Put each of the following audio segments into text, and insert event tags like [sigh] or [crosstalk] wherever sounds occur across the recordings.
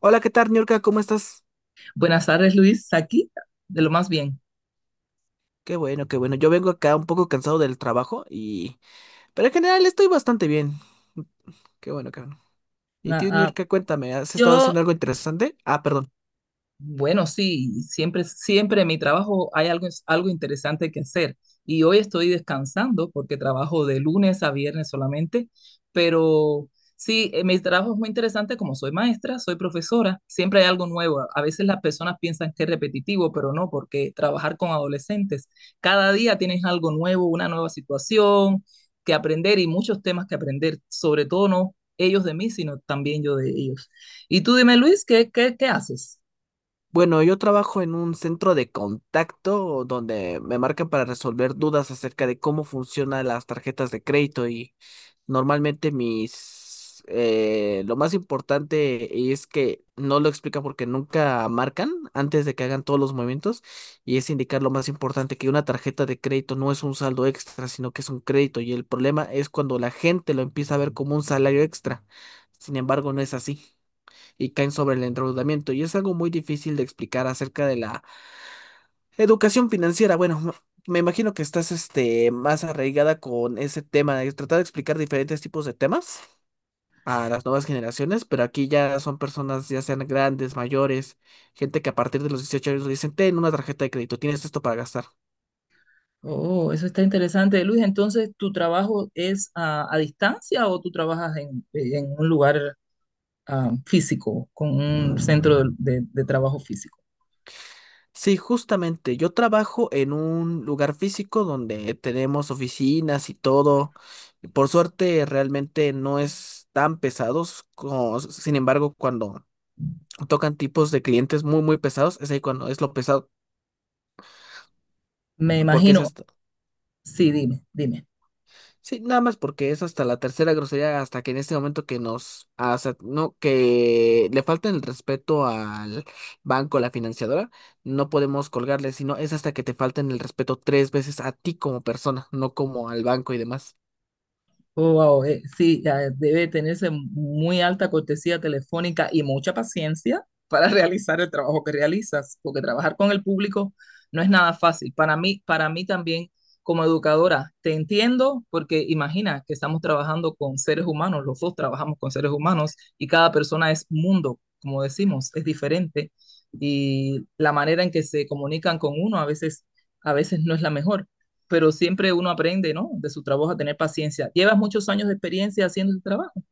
Hola, ¿qué tal, Niurka? ¿Cómo estás? Buenas tardes, Luis, aquí, de lo más bien. Qué bueno, qué bueno. Yo vengo acá un poco cansado del trabajo y... pero en general estoy bastante bien. Qué bueno, qué bueno. Y Ah, tú, ah, Niurka, cuéntame, ¿has estado yo haciendo algo interesante? Ah, perdón. Bueno, sí, siempre en mi trabajo hay algo interesante que hacer. Y hoy estoy descansando porque trabajo de lunes a viernes solamente, pero sí, mi trabajo es muy interesante, como soy maestra, soy profesora, siempre hay algo nuevo. A veces las personas piensan que es repetitivo, pero no, porque trabajar con adolescentes, cada día tienes algo nuevo, una nueva situación que aprender y muchos temas que aprender, sobre todo no ellos de mí, sino también yo de ellos. Y tú dime, Luis, ¿qué haces? Bueno, yo trabajo en un centro de contacto donde me marcan para resolver dudas acerca de cómo funcionan las tarjetas de crédito. Normalmente lo más importante es que no lo explica porque nunca marcan antes de que hagan todos los movimientos, y es indicar lo más importante que una tarjeta de crédito no es un saldo extra, sino que es un crédito, y el problema es cuando la gente lo empieza a ver como un salario extra. Sin embargo, no es así, y caen sobre el endeudamiento, y es algo muy difícil de explicar acerca de la educación financiera. Bueno, me imagino que estás más arraigada con ese tema, de tratar de explicar diferentes tipos de temas a las nuevas generaciones, pero aquí ya son personas, ya sean grandes, mayores, gente que a partir de los 18 años le dicen, ten una tarjeta de crédito, tienes esto para gastar. Oh, eso está interesante, Luis. Entonces, ¿tu trabajo es a distancia o tú trabajas en un lugar físico, con un centro de trabajo físico? Sí, justamente, yo trabajo en un lugar físico donde tenemos oficinas y todo. Por suerte, realmente no es tan pesados, sin embargo, cuando tocan tipos de clientes muy, muy pesados, es ahí cuando es lo pesado, Me porque imagino, esas... sí, dime, dime. Sí, nada más porque es hasta la tercera grosería, hasta que en este momento que nos, hasta, no, que le falta el respeto al banco, la financiadora, no podemos colgarle, sino es hasta que te falten el respeto 3 veces a ti como persona, no como al banco y demás. Oh, wow, sí, ya debe tenerse muy alta cortesía telefónica y mucha paciencia para [laughs] realizar el trabajo que realizas, porque trabajar con el público no es nada fácil. Para mí también, como educadora, te entiendo, porque imagina que estamos trabajando con seres humanos, los dos trabajamos con seres humanos y cada persona es un mundo, como decimos, es diferente, y la manera en que se comunican con uno a veces no es la mejor, pero siempre uno aprende, ¿no? De su trabajo, a tener paciencia. Llevas muchos años de experiencia haciendo el trabajo.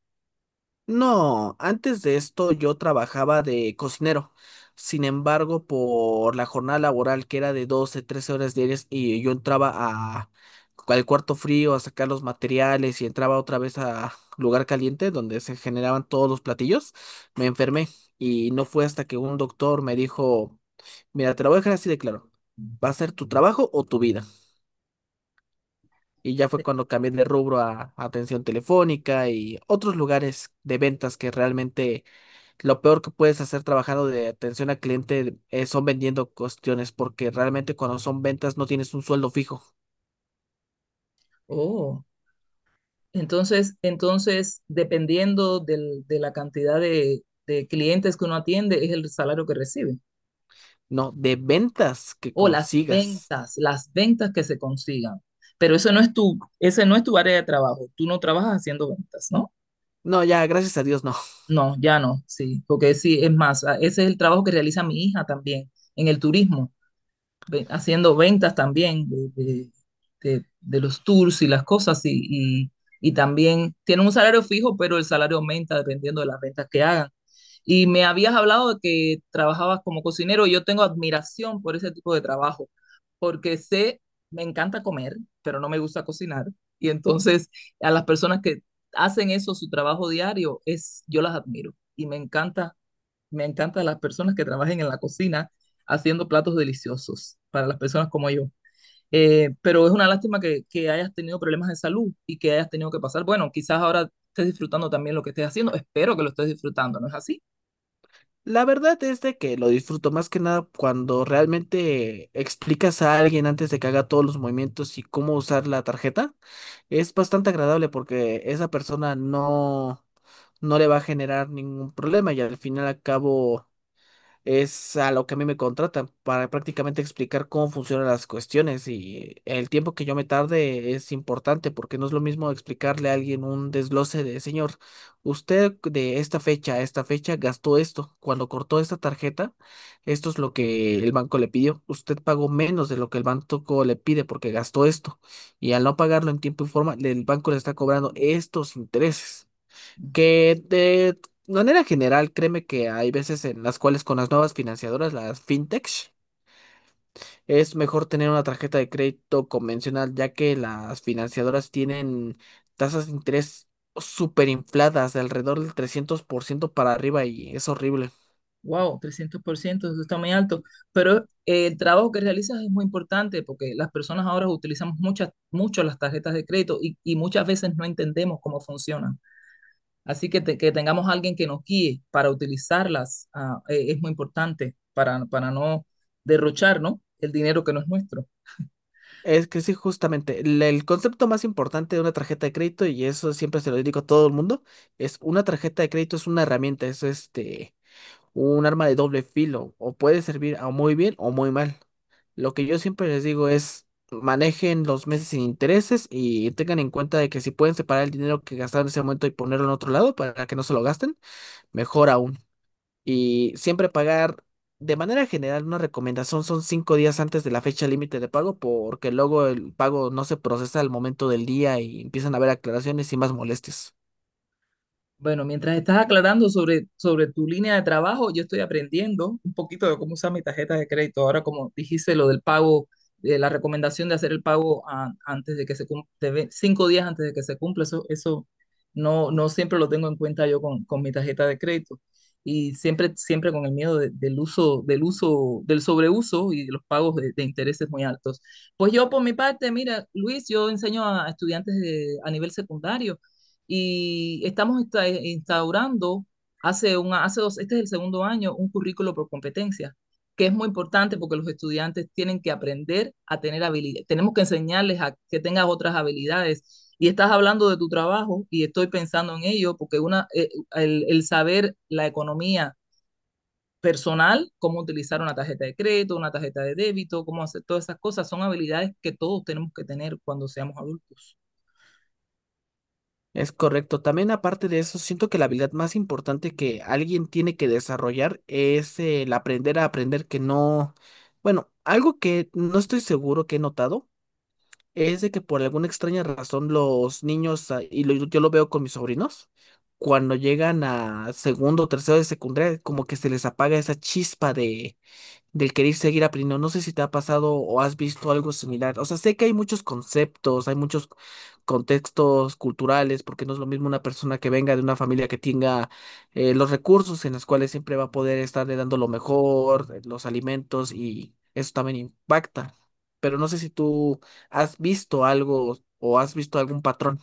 No, antes de esto yo trabajaba de cocinero. Sin embargo, por la jornada laboral que era de 12, 13 horas diarias, y yo entraba al cuarto frío a sacar los materiales y entraba otra vez a lugar caliente donde se generaban todos los platillos, me enfermé, y no fue hasta que un doctor me dijo, mira, te lo voy a dejar así de claro, va a ser tu trabajo o tu vida. Y ya fue cuando cambié de rubro a atención telefónica y otros lugares de ventas, que realmente lo peor que puedes hacer trabajando de atención al cliente, son vendiendo cuestiones, porque realmente cuando son ventas no tienes un sueldo fijo, Oh, entonces, dependiendo de la cantidad de clientes que uno atiende, es el salario que recibe. no, de ventas que O las consigas. ventas, las ventas que se consigan. Pero eso no es tu, ese no es tu área de trabajo. Tú no trabajas haciendo ventas, ¿no? No, ya, gracias a Dios, no. [laughs] No, ya no, sí, porque sí, es más, ese es el trabajo que realiza mi hija también en el turismo. Haciendo ventas también de los tours y las cosas y- y también tienen un salario fijo, pero el salario aumenta dependiendo de las ventas que hagan. Y me habías hablado de que trabajabas como cocinero. Yo tengo admiración por ese tipo de trabajo, porque sé, me encanta comer, pero no me gusta cocinar. Y entonces a las personas que hacen eso, su trabajo diario, es, yo las admiro y me encantan las personas que trabajen en la cocina haciendo platos deliciosos para las personas como yo. Pero es una lástima que hayas tenido problemas de salud y que hayas tenido que pasar. Bueno, quizás ahora estés disfrutando también lo que estés haciendo. Espero que lo estés disfrutando, ¿no es así? La verdad es de que lo disfruto más que nada cuando realmente explicas a alguien antes de que haga todos los movimientos y cómo usar la tarjeta. Es bastante agradable porque esa persona no, no le va a generar ningún problema, y al final acabo es a lo que a mí me contratan para prácticamente explicar cómo funcionan las cuestiones, y el tiempo que yo me tarde es importante porque no es lo mismo explicarle a alguien un desglose de, señor, usted de esta fecha a esta fecha gastó esto, cuando cortó esta tarjeta, esto es lo que el banco le pidió, usted pagó menos de lo que el banco le pide porque gastó esto, y al no pagarlo en tiempo y forma, el banco le está cobrando estos intereses. Que de manera general, créeme que hay veces en las cuales, con las nuevas financiadoras, las fintech, es mejor tener una tarjeta de crédito convencional, ya que las financiadoras tienen tasas de interés súper infladas, de alrededor del 300% para arriba, y es horrible. Wow, 300%, eso está muy alto. Pero el trabajo que realizas es muy importante porque las personas ahora utilizamos muchas, mucho las tarjetas de crédito y muchas veces no entendemos cómo funcionan. Así que, que tengamos alguien que nos guíe para utilizarlas, es muy importante para no derrochar, ¿no?, el dinero que no es nuestro. Es que sí, justamente, el concepto más importante de una tarjeta de crédito, y eso siempre se lo digo a todo el mundo, es una tarjeta de crédito es una herramienta, es un arma de doble filo, o puede servir a muy bien o muy mal. Lo que yo siempre les digo es manejen los meses sin intereses y tengan en cuenta de que si pueden separar el dinero que gastaron en ese momento y ponerlo en otro lado para que no se lo gasten, mejor aún. Y siempre pagar, de manera general, una recomendación, son 5 días antes de la fecha límite de pago, porque luego el pago no se procesa al momento del día y empiezan a haber aclaraciones y más molestias. Bueno, mientras estás aclarando sobre tu línea de trabajo, yo estoy aprendiendo un poquito de cómo usar mi tarjeta de crédito. Ahora, como dijiste, lo del pago, de la recomendación de hacer el pago antes de que se cumpla, 5 días antes de que se cumpla, eso no siempre lo tengo en cuenta yo con mi tarjeta de crédito. Y siempre con el miedo del uso, del sobreuso y de los pagos de intereses muy altos. Pues yo, por mi parte, mira, Luis, yo enseño a estudiantes a nivel secundario, y estamos instaurando hace dos, este es el segundo año, un currículo por competencia, que es muy importante porque los estudiantes tienen que aprender a tener habilidades, tenemos que enseñarles a que tengas otras habilidades. Y estás hablando de tu trabajo y estoy pensando en ello porque el saber la economía personal, cómo utilizar una tarjeta de crédito, una tarjeta de débito, cómo hacer todas esas cosas, son habilidades que todos tenemos que tener cuando seamos adultos. Es correcto. También aparte de eso, siento que la habilidad más importante que alguien tiene que desarrollar es el aprender a aprender que no, bueno, algo que no estoy seguro que he notado es de que por alguna extraña razón los niños, yo lo veo con mis sobrinos, cuando llegan a segundo o tercero de secundaria, como que se les apaga esa chispa del querer seguir aprendiendo. No sé si te ha pasado o has visto algo similar. O sea, sé que hay muchos conceptos, hay muchos contextos culturales, porque no es lo mismo una persona que venga de una familia que tenga, los recursos en los cuales siempre va a poder estarle dando lo mejor, los alimentos, y eso también impacta. Pero no sé si tú has visto algo o has visto algún patrón.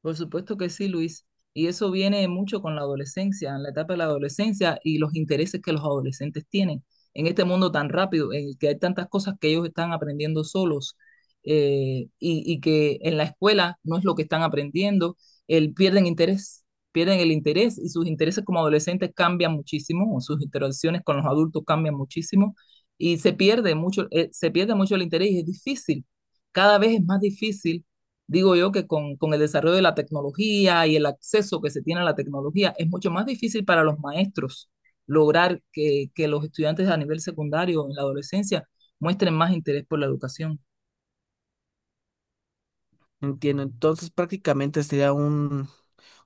Por supuesto que sí, Luis. Y eso viene mucho con la adolescencia, en la etapa de la adolescencia y los intereses que los adolescentes tienen en este mundo tan rápido, en el que hay tantas cosas que ellos están aprendiendo solos, y que en la escuela no es lo que están aprendiendo, pierden interés, pierden el interés, y sus intereses como adolescentes cambian muchísimo, o sus interacciones con los adultos cambian muchísimo y se pierde mucho el interés, y es difícil, cada vez es más difícil. Digo yo que con el desarrollo de la tecnología y el acceso que se tiene a la tecnología, es mucho más difícil para los maestros lograr que los estudiantes a nivel secundario en la adolescencia muestren más interés por la educación. Entiendo. Entonces, prácticamente sería un,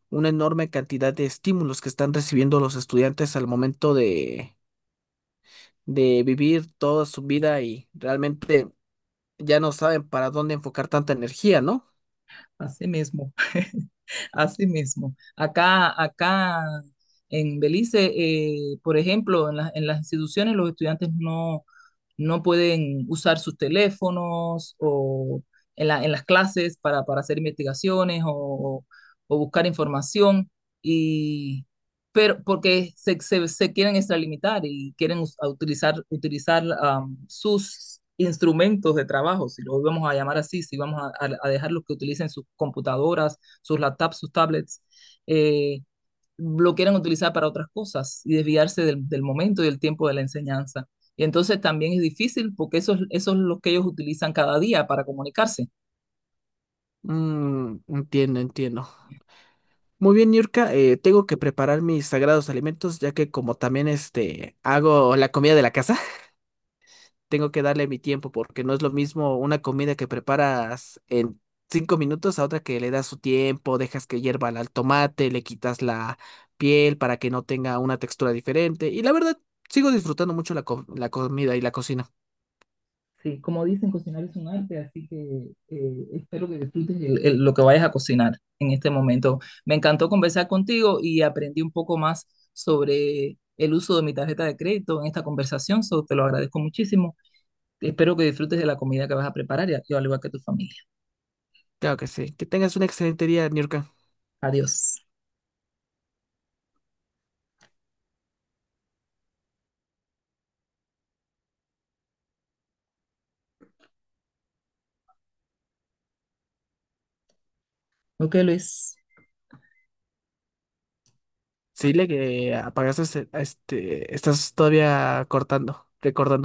una enorme cantidad de estímulos que están recibiendo los estudiantes al momento de vivir toda su vida, y realmente ya no saben para dónde enfocar tanta energía, ¿no? Así mismo, [laughs] así mismo. Acá en Belice, por ejemplo, en las instituciones los estudiantes no pueden usar sus teléfonos o en las clases para hacer investigaciones o buscar información. Y pero porque se quieren extralimitar y quieren a utilizar sus instrumentos de trabajo, si los vamos a llamar así, si vamos a dejarlos que utilicen sus computadoras, sus laptops, sus tablets, eh, lo quieren utilizar para otras cosas y desviarse del momento y del tiempo de la enseñanza. Y entonces también es difícil porque eso es lo que ellos utilizan cada día para comunicarse. Mm, entiendo, entiendo. Muy bien, Niurka, tengo que preparar mis sagrados alimentos, ya que como también hago la comida de la casa, [laughs] tengo que darle mi tiempo, porque no es lo mismo una comida que preparas en 5 minutos a otra que le das su tiempo, dejas que hierva el tomate, le quitas la piel para que no tenga una textura diferente. Y la verdad, sigo disfrutando mucho la comida y la cocina. Sí, como dicen, cocinar es un arte, así que espero que disfrutes lo que vayas a cocinar en este momento. Me encantó conversar contigo y aprendí un poco más sobre el uso de mi tarjeta de crédito en esta conversación, so, te lo agradezco muchísimo. Espero que disfrutes de la comida que vas a preparar, y, al igual que tu familia. Claro que sí. Que tengas un excelente día, Niurka. Adiós. Ok, Luis. Sí, le que apagaste estás todavía cortando, recordando.